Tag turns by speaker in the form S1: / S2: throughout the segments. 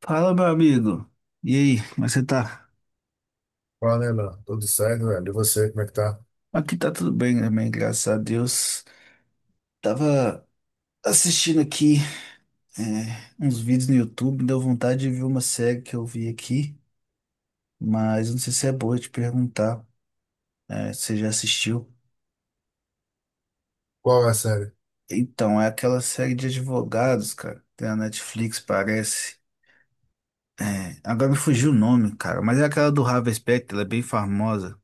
S1: Fala, meu amigo. E aí, como é que você tá?
S2: Fala, Nela. Tudo certo, velho? E você, como é que tá?
S1: Aqui tá tudo bem também, graças a Deus. Tava assistindo aqui uns vídeos no YouTube, deu vontade de ver uma série que eu vi aqui, mas não sei se é boa te perguntar se você já assistiu.
S2: Qual é a série?
S1: Então, é aquela série de advogados, cara, tem na Netflix, parece. Agora me fugiu o nome, cara, mas é aquela do Harvey Specter, ela é bem famosa.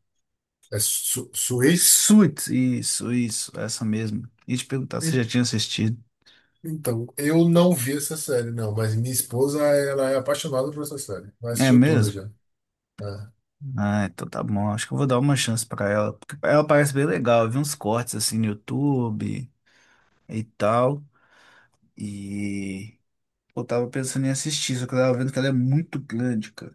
S2: É Su Suits?
S1: Suits, isso, essa mesmo. E te perguntar se você
S2: En-
S1: já tinha assistido.
S2: Então, eu não vi essa série, não, mas minha esposa, ela é apaixonada por essa série. Ela
S1: É
S2: assistiu toda
S1: mesmo?
S2: já. Né?
S1: Ah, então tá bom. Acho que eu vou dar uma chance pra ela. Porque ela parece bem legal. Eu vi uns cortes assim no YouTube e tal. E eu tava pensando em assistir, só que eu tava vendo que ela é muito grande, cara.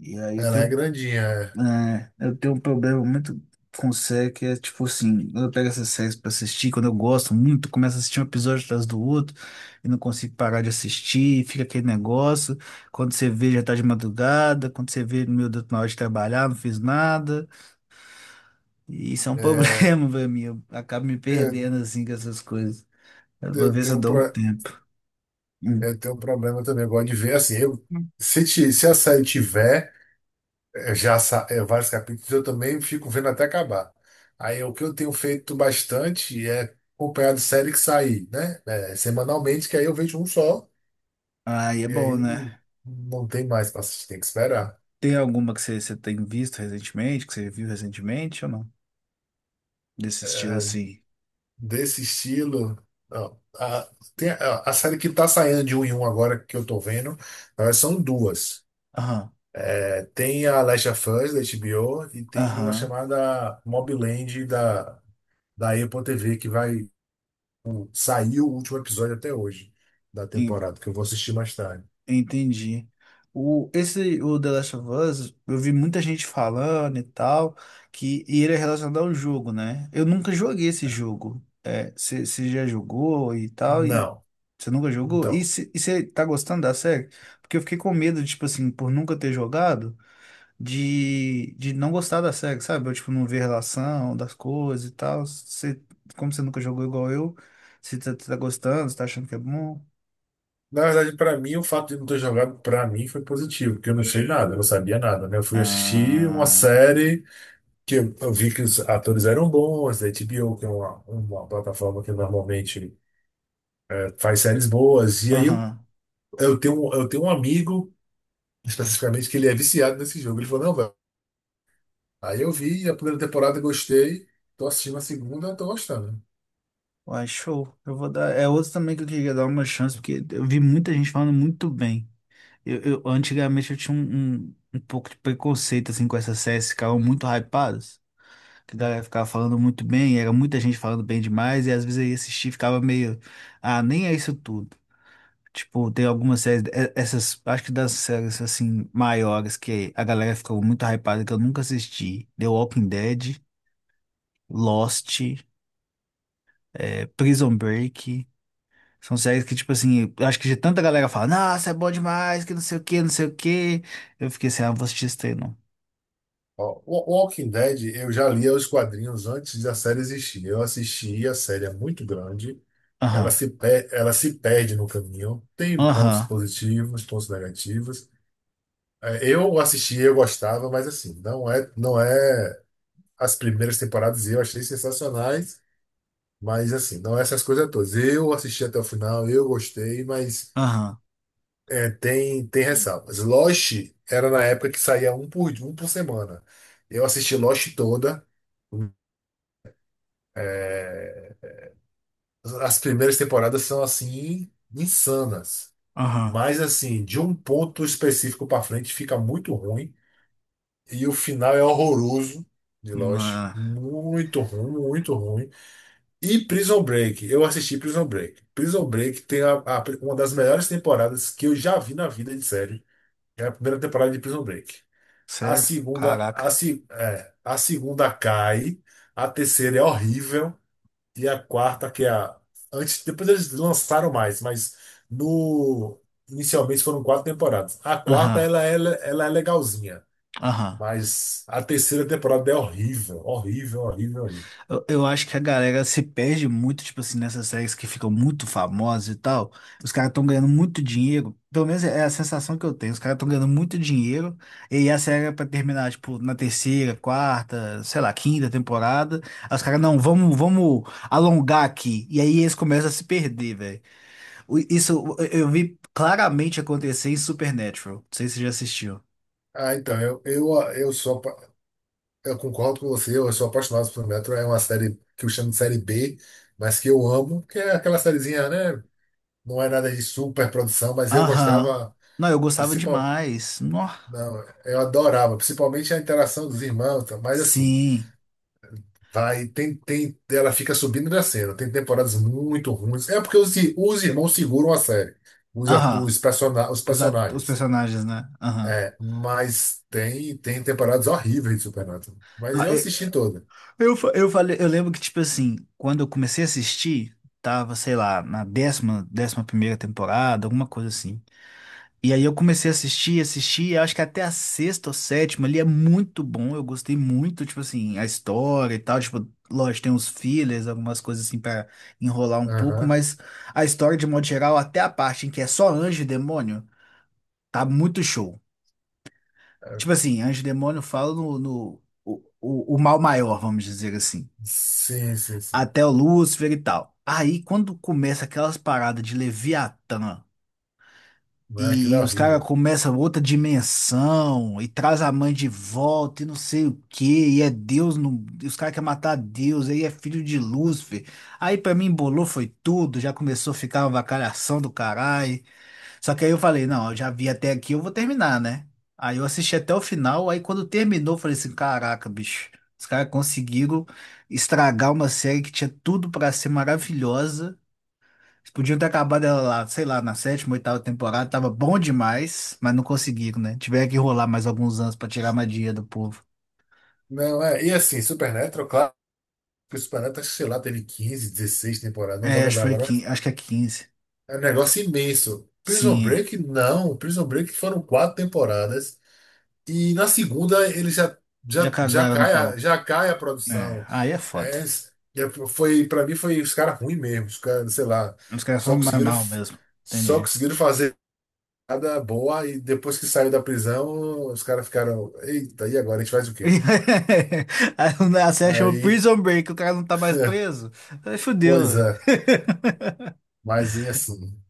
S1: E aí
S2: Ela é grandinha.
S1: eu tenho um problema muito com série que é tipo assim, quando eu pego essas séries pra assistir, quando eu gosto muito, eu começo a assistir um episódio atrás do outro e não consigo parar de assistir, e fica aquele negócio. Quando você vê, já tá de madrugada, quando você vê, meu Deus, na hora de trabalhar, não fiz nada. E isso é um
S2: É, É,
S1: problema pra mim. Eu acabo me
S2: eu,
S1: perdendo assim com essas coisas. Eu vou
S2: eu
S1: ver se
S2: tenho
S1: eu
S2: um
S1: dou um
S2: pro-
S1: tempo. Hum.
S2: eu tenho um problema também. Eu gosto de ver, assim, eu, se a série tiver. Eu já sa- é, Vários capítulos, eu também fico vendo até acabar. Aí o que eu tenho feito bastante é acompanhar de série que sair, né? É, semanalmente, que aí eu vejo um só,
S1: Aí é
S2: e
S1: bom,
S2: aí
S1: né?
S2: não não tem mais para assistir, tem que esperar.
S1: Tem alguma que você tem visto recentemente, que você viu recentemente ou não? Desse estilo
S2: É,
S1: assim.
S2: desse estilo. ó, a, Tem a série que tá saindo de um em um agora que eu tô vendo, na verdade, são duas.
S1: Aham,
S2: É, tem a Last of Us da HBO e tem uma
S1: aham.
S2: chamada Mob Land da Apple TV que vai. Saiu o último episódio até hoje da temporada, que eu vou assistir mais tarde.
S1: Entendi. O The Last of Us, eu vi muita gente falando e tal, que e ele é relacionado ao jogo, né? Eu nunca joguei esse jogo. É, você já jogou e tal, e
S2: Não.
S1: você nunca jogou? E
S2: Então,
S1: você tá gostando da série? Porque eu fiquei com medo, tipo assim, por nunca ter jogado, de não gostar da série, sabe? Eu, tipo, não ver relação das coisas e tal. Cê, como você nunca jogou igual eu, você tá gostando, você tá achando que é bom?
S2: na verdade, para mim, o fato de não ter jogado, para mim, foi positivo, porque eu não sei nada, eu não sabia nada, né? Eu fui assistir uma
S1: Ah,
S2: série que eu vi que os atores eram bons, da HBO, que é uma plataforma que normalmente faz séries boas. E aí
S1: aham.
S2: eu tenho um amigo, especificamente, que ele é viciado nesse jogo. Ele falou, não, velho. Aí eu vi a primeira temporada, gostei, tô assistindo a segunda, tô gostando.
S1: Uai, show. Eu vou dar. É outro também que eu queria dar uma chance, porque eu vi muita gente falando muito bem. Antigamente eu tinha um pouco de preconceito assim com essas séries que ficavam muito hypadas, que a galera ficava falando muito bem, era muita gente falando bem demais, e às vezes eu ia assistir e ficava meio, ah, nem é isso tudo. Tipo, tem algumas séries, essas, acho que das séries assim maiores que a galera ficou muito hypada que eu nunca assisti. The Walking Dead, Lost, Prison Break. São séries que, tipo assim, eu acho que de tanta galera fala, nossa, é bom demais, que não sei o que, não sei o que. Eu fiquei assim, ah, não vou assistir isso daí, não.
S2: Ó, o Walking Dead, eu já lia os quadrinhos antes da série existir. Eu assisti, a série é muito grande.
S1: Aham,
S2: Ela se perde no caminho. Tem pontos
S1: aham,
S2: positivos, pontos negativos. É, eu assisti, eu gostava, mas assim, não é, as primeiras temporadas eu achei sensacionais, mas assim, não é essas coisas todas. Eu assisti até o final, eu gostei, mas
S1: aham,
S2: é, tem ressalvas. Lost era na época que saía um por um por semana. Eu assisti Lost toda. É, as primeiras temporadas são assim insanas,
S1: aham.
S2: mas assim, de um ponto específico para frente fica muito ruim. E o final é horroroso de Lost.
S1: Mano,
S2: Muito ruim, muito ruim. E Prison Break. Eu assisti Prison Break. Prison Break tem uma das melhores temporadas que eu já vi na vida de série. É a primeira temporada de Prison Break. A
S1: sério?
S2: segunda,
S1: Caraca.
S2: a, se- é, A segunda cai. A terceira é horrível. E a quarta, que é a. Antes, depois eles lançaram mais, mas no. Inicialmente foram quatro temporadas. A quarta,
S1: Aham,
S2: ela é legalzinha.
S1: aham.
S2: Mas a terceira temporada é horrível, horrível, horrível, horrível.
S1: Eu acho que a galera se perde muito, tipo assim, nessas séries que ficam muito famosas e tal. Os caras estão ganhando muito dinheiro. Pelo menos é a sensação que eu tenho. Os caras estão ganhando muito dinheiro. E aí a série é pra terminar, tipo, na terceira, quarta, sei lá, quinta temporada. Aí os caras, não, vamos alongar aqui. E aí eles começam a se perder, velho. Isso eu vi claramente acontecer em Supernatural. Não sei se você já assistiu.
S2: Ah, então, eu sou, eu concordo com você, eu sou apaixonado por Metro, é uma série que eu chamo de série B, mas que eu amo, que é aquela sériezinha, né? Não é nada de super produção, mas eu
S1: Aham.
S2: gostava,
S1: Não, eu gostava
S2: principal,
S1: demais. Nossa.
S2: não, eu adorava, principalmente a interação dos irmãos, tá? Mas assim,
S1: Sim.
S2: vai, tem, ela fica subindo e descendo, tem temporadas muito ruins, é porque os irmãos seguram a série,
S1: Aham.
S2: os
S1: Os
S2: personagens.
S1: personagens, né? Aham.
S2: É, mas tem temporadas horríveis de Supernatural. Mas
S1: Não,
S2: eu
S1: eu,
S2: assisti toda.
S1: eu, fa- eu falei, eu lembro que, tipo assim, quando eu comecei a assistir, tava, sei lá, na 10ª, 11ª temporada, alguma coisa assim. E aí eu comecei a assistir, assistir, e acho que até a sexta ou sétima ali é muito bom. Eu gostei muito, tipo assim, a história e tal. Tipo, lógico, tem uns fillers, algumas coisas assim pra enrolar um pouco,
S2: Aham.
S1: mas a história, de modo geral, até a parte em que é só anjo e demônio, tá muito show.
S2: É.
S1: Tipo assim, anjo e demônio falam no, no o mal maior, vamos dizer assim.
S2: Sim, sim, sim.
S1: Até o Lúcifer e tal. Aí, quando começa aquelas paradas de Leviatã
S2: Não, é? Aquilo
S1: e,
S2: é
S1: e os caras
S2: horrível.
S1: começam outra dimensão e traz a mãe de volta e não sei o quê, e é Deus, no, e os caras querem matar Deus, aí é filho de Lúcifer. Aí pra mim embolou foi tudo, já começou a ficar uma avacalhação do caralho. Só que aí eu falei, não, eu já vi até aqui, eu vou terminar, né? Aí eu assisti até o final, aí quando terminou, eu falei assim, caraca, bicho, os caras conseguiram estragar uma série que tinha tudo pra ser maravilhosa. Eles podiam ter acabado ela lá, sei lá, na sétima, oitava temporada, tava bom demais, mas não conseguiram, né? Tiveram que rolar mais alguns anos pra tirar a madia do povo.
S2: Não, é. E assim, Supernatural, claro que o Supernatural, sei lá, teve 15, 16 temporadas, não vou
S1: É, acho que
S2: lembrar
S1: foi,
S2: agora, mas
S1: acho que é 15.
S2: é um negócio imenso. Prison
S1: Sim, é.
S2: Break, não. Prison Break foram quatro temporadas. E na segunda
S1: Já
S2: já
S1: cagaram no
S2: cai,
S1: pau.
S2: já cai a
S1: É,
S2: produção.
S1: aí é foda.
S2: É, Para mim foi os caras ruins mesmo, os caras, sei lá,
S1: Os caras foram
S2: só
S1: mais
S2: conseguiram
S1: mal mesmo. Entendi.
S2: fazer nada boa e depois que saiu da prisão, os caras ficaram, eita, e agora a gente faz o quê?
S1: A série chama
S2: Aí,
S1: Prison Break, o cara não tá mais preso. Aí fudeu,
S2: pois
S1: velho.
S2: é, mais assim.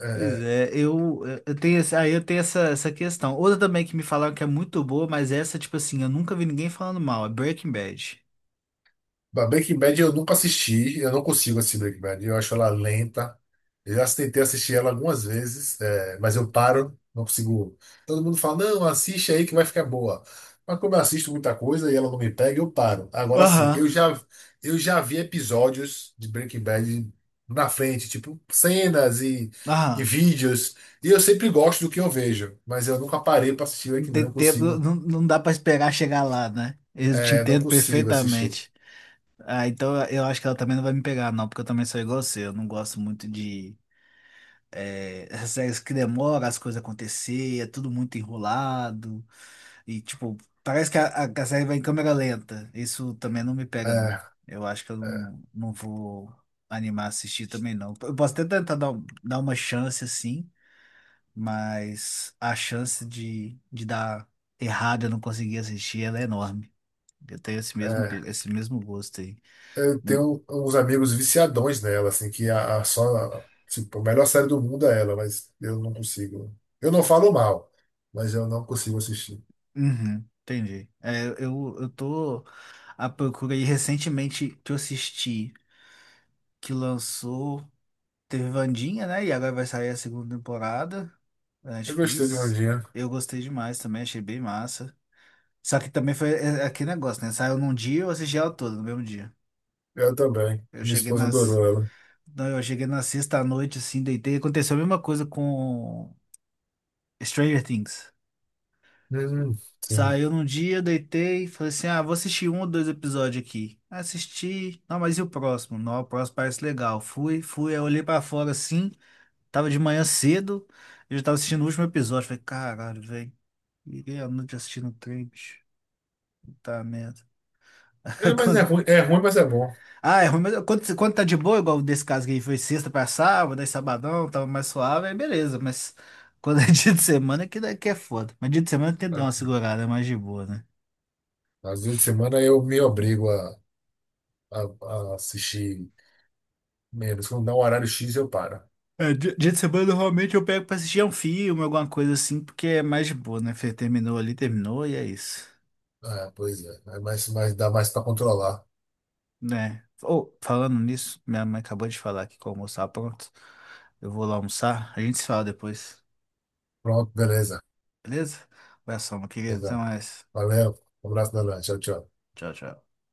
S2: é,
S1: Pois
S2: é,
S1: é, eu tenho essa questão. Outra também que me falaram que é muito boa, mas essa, tipo assim, eu nunca vi ninguém falando mal, é Breaking Bad.
S2: Breaking Bad eu nunca assisti, eu não consigo assistir Breaking Bad, eu acho ela lenta. Eu já tentei assistir ela algumas vezes, é, mas eu paro, não consigo. Todo mundo fala, não, assiste aí que vai ficar boa. Mas como eu assisto muita coisa e ela não me pega, eu paro. Agora sim,
S1: Aham,
S2: eu já vi episódios de Breaking Bad na frente, tipo cenas e
S1: aham.
S2: vídeos, e eu sempre gosto do que eu vejo, mas eu nunca parei para assistir
S1: Não
S2: Breaking Bad,
S1: tem
S2: não
S1: tempo,
S2: consigo.
S1: não, não dá pra esperar chegar lá, né? Eu te
S2: É, não
S1: entendo
S2: consigo assistir.
S1: perfeitamente. Ah, então eu acho que ela também não vai me pegar, não, porque eu também sou igual você, eu não gosto muito de, essas séries que demoram as coisas acontecer, é tudo muito enrolado. E, tipo, parece que a série vai em câmera lenta. Isso também não me pega, não.
S2: É,
S1: Eu acho que eu
S2: é.
S1: não vou animar a assistir também, não. Eu posso até tentar dar uma chance, assim, mas a chance de dar errado e eu não conseguir assistir, ela é enorme. Eu tenho
S2: é.
S1: esse mesmo gosto aí.
S2: Eu
S1: Hum,
S2: tenho uns amigos viciadões nela, assim, que a só, tipo, a melhor série do mundo é ela, mas eu não consigo. Eu não falo mal, mas eu não consigo assistir.
S1: Uhum, entendi. É, eu tô à procura aí recentemente que eu assisti, que lançou. Teve Wandinha, né? E agora vai sair a segunda temporada da
S2: Eu gostei de
S1: Netflix.
S2: Vandinha.
S1: Eu gostei demais também, achei bem massa. Só que também foi é aquele negócio, né? Saiu num dia, e eu assisti ela toda no mesmo dia.
S2: Eu também.
S1: Eu
S2: Minha
S1: cheguei
S2: esposa
S1: nas.
S2: adorou ela.
S1: Não, Eu cheguei na sexta à noite, assim, deitei. Aconteceu a mesma coisa com Stranger Things.
S2: Hum, sim.
S1: Saiu num dia, eu deitei, falei assim: ah, vou assistir um ou dois episódios aqui. Assisti. Não, mas e o próximo? Não, o próximo parece legal. Fui, fui, aí eu olhei pra fora assim. Tava de manhã cedo, eu já tava assistindo o último episódio. Falei, caralho, velho. Liguei a noite assistindo o trem, bicho. Puta merda.
S2: É, mas
S1: Quando-
S2: é ruim, mas é bom.
S1: Ah, é ruim, mas quando tá de boa, igual desse caso que aí foi sexta pra sábado, aí sabadão, tava mais suave, aí beleza. Mas quando é dia de semana, é que daqui é foda. Mas dia de semana tem que dar uma segurada, é mais de boa, né?
S2: Às vezes de semana eu me obrigo a, a assistir menos. Quando dá um horário X, eu paro.
S1: É, dia de semana normalmente eu pego pra assistir um filme, alguma coisa assim, porque é mais de boa, né? Falei, terminou ali, terminou e é isso.
S2: É, pois é. É mais, dá mais para controlar.
S1: Né? Ou, falando nisso, minha mãe acabou de falar aqui que o almoço tá pronto. Eu vou lá almoçar. A gente se fala depois,
S2: Pronto, beleza.
S1: beleza? Abração, meu querido. Até
S2: Beleza.
S1: mais.
S2: Valeu. Um abraço, Nana. Tchau, tchau.
S1: Tchau, tchau.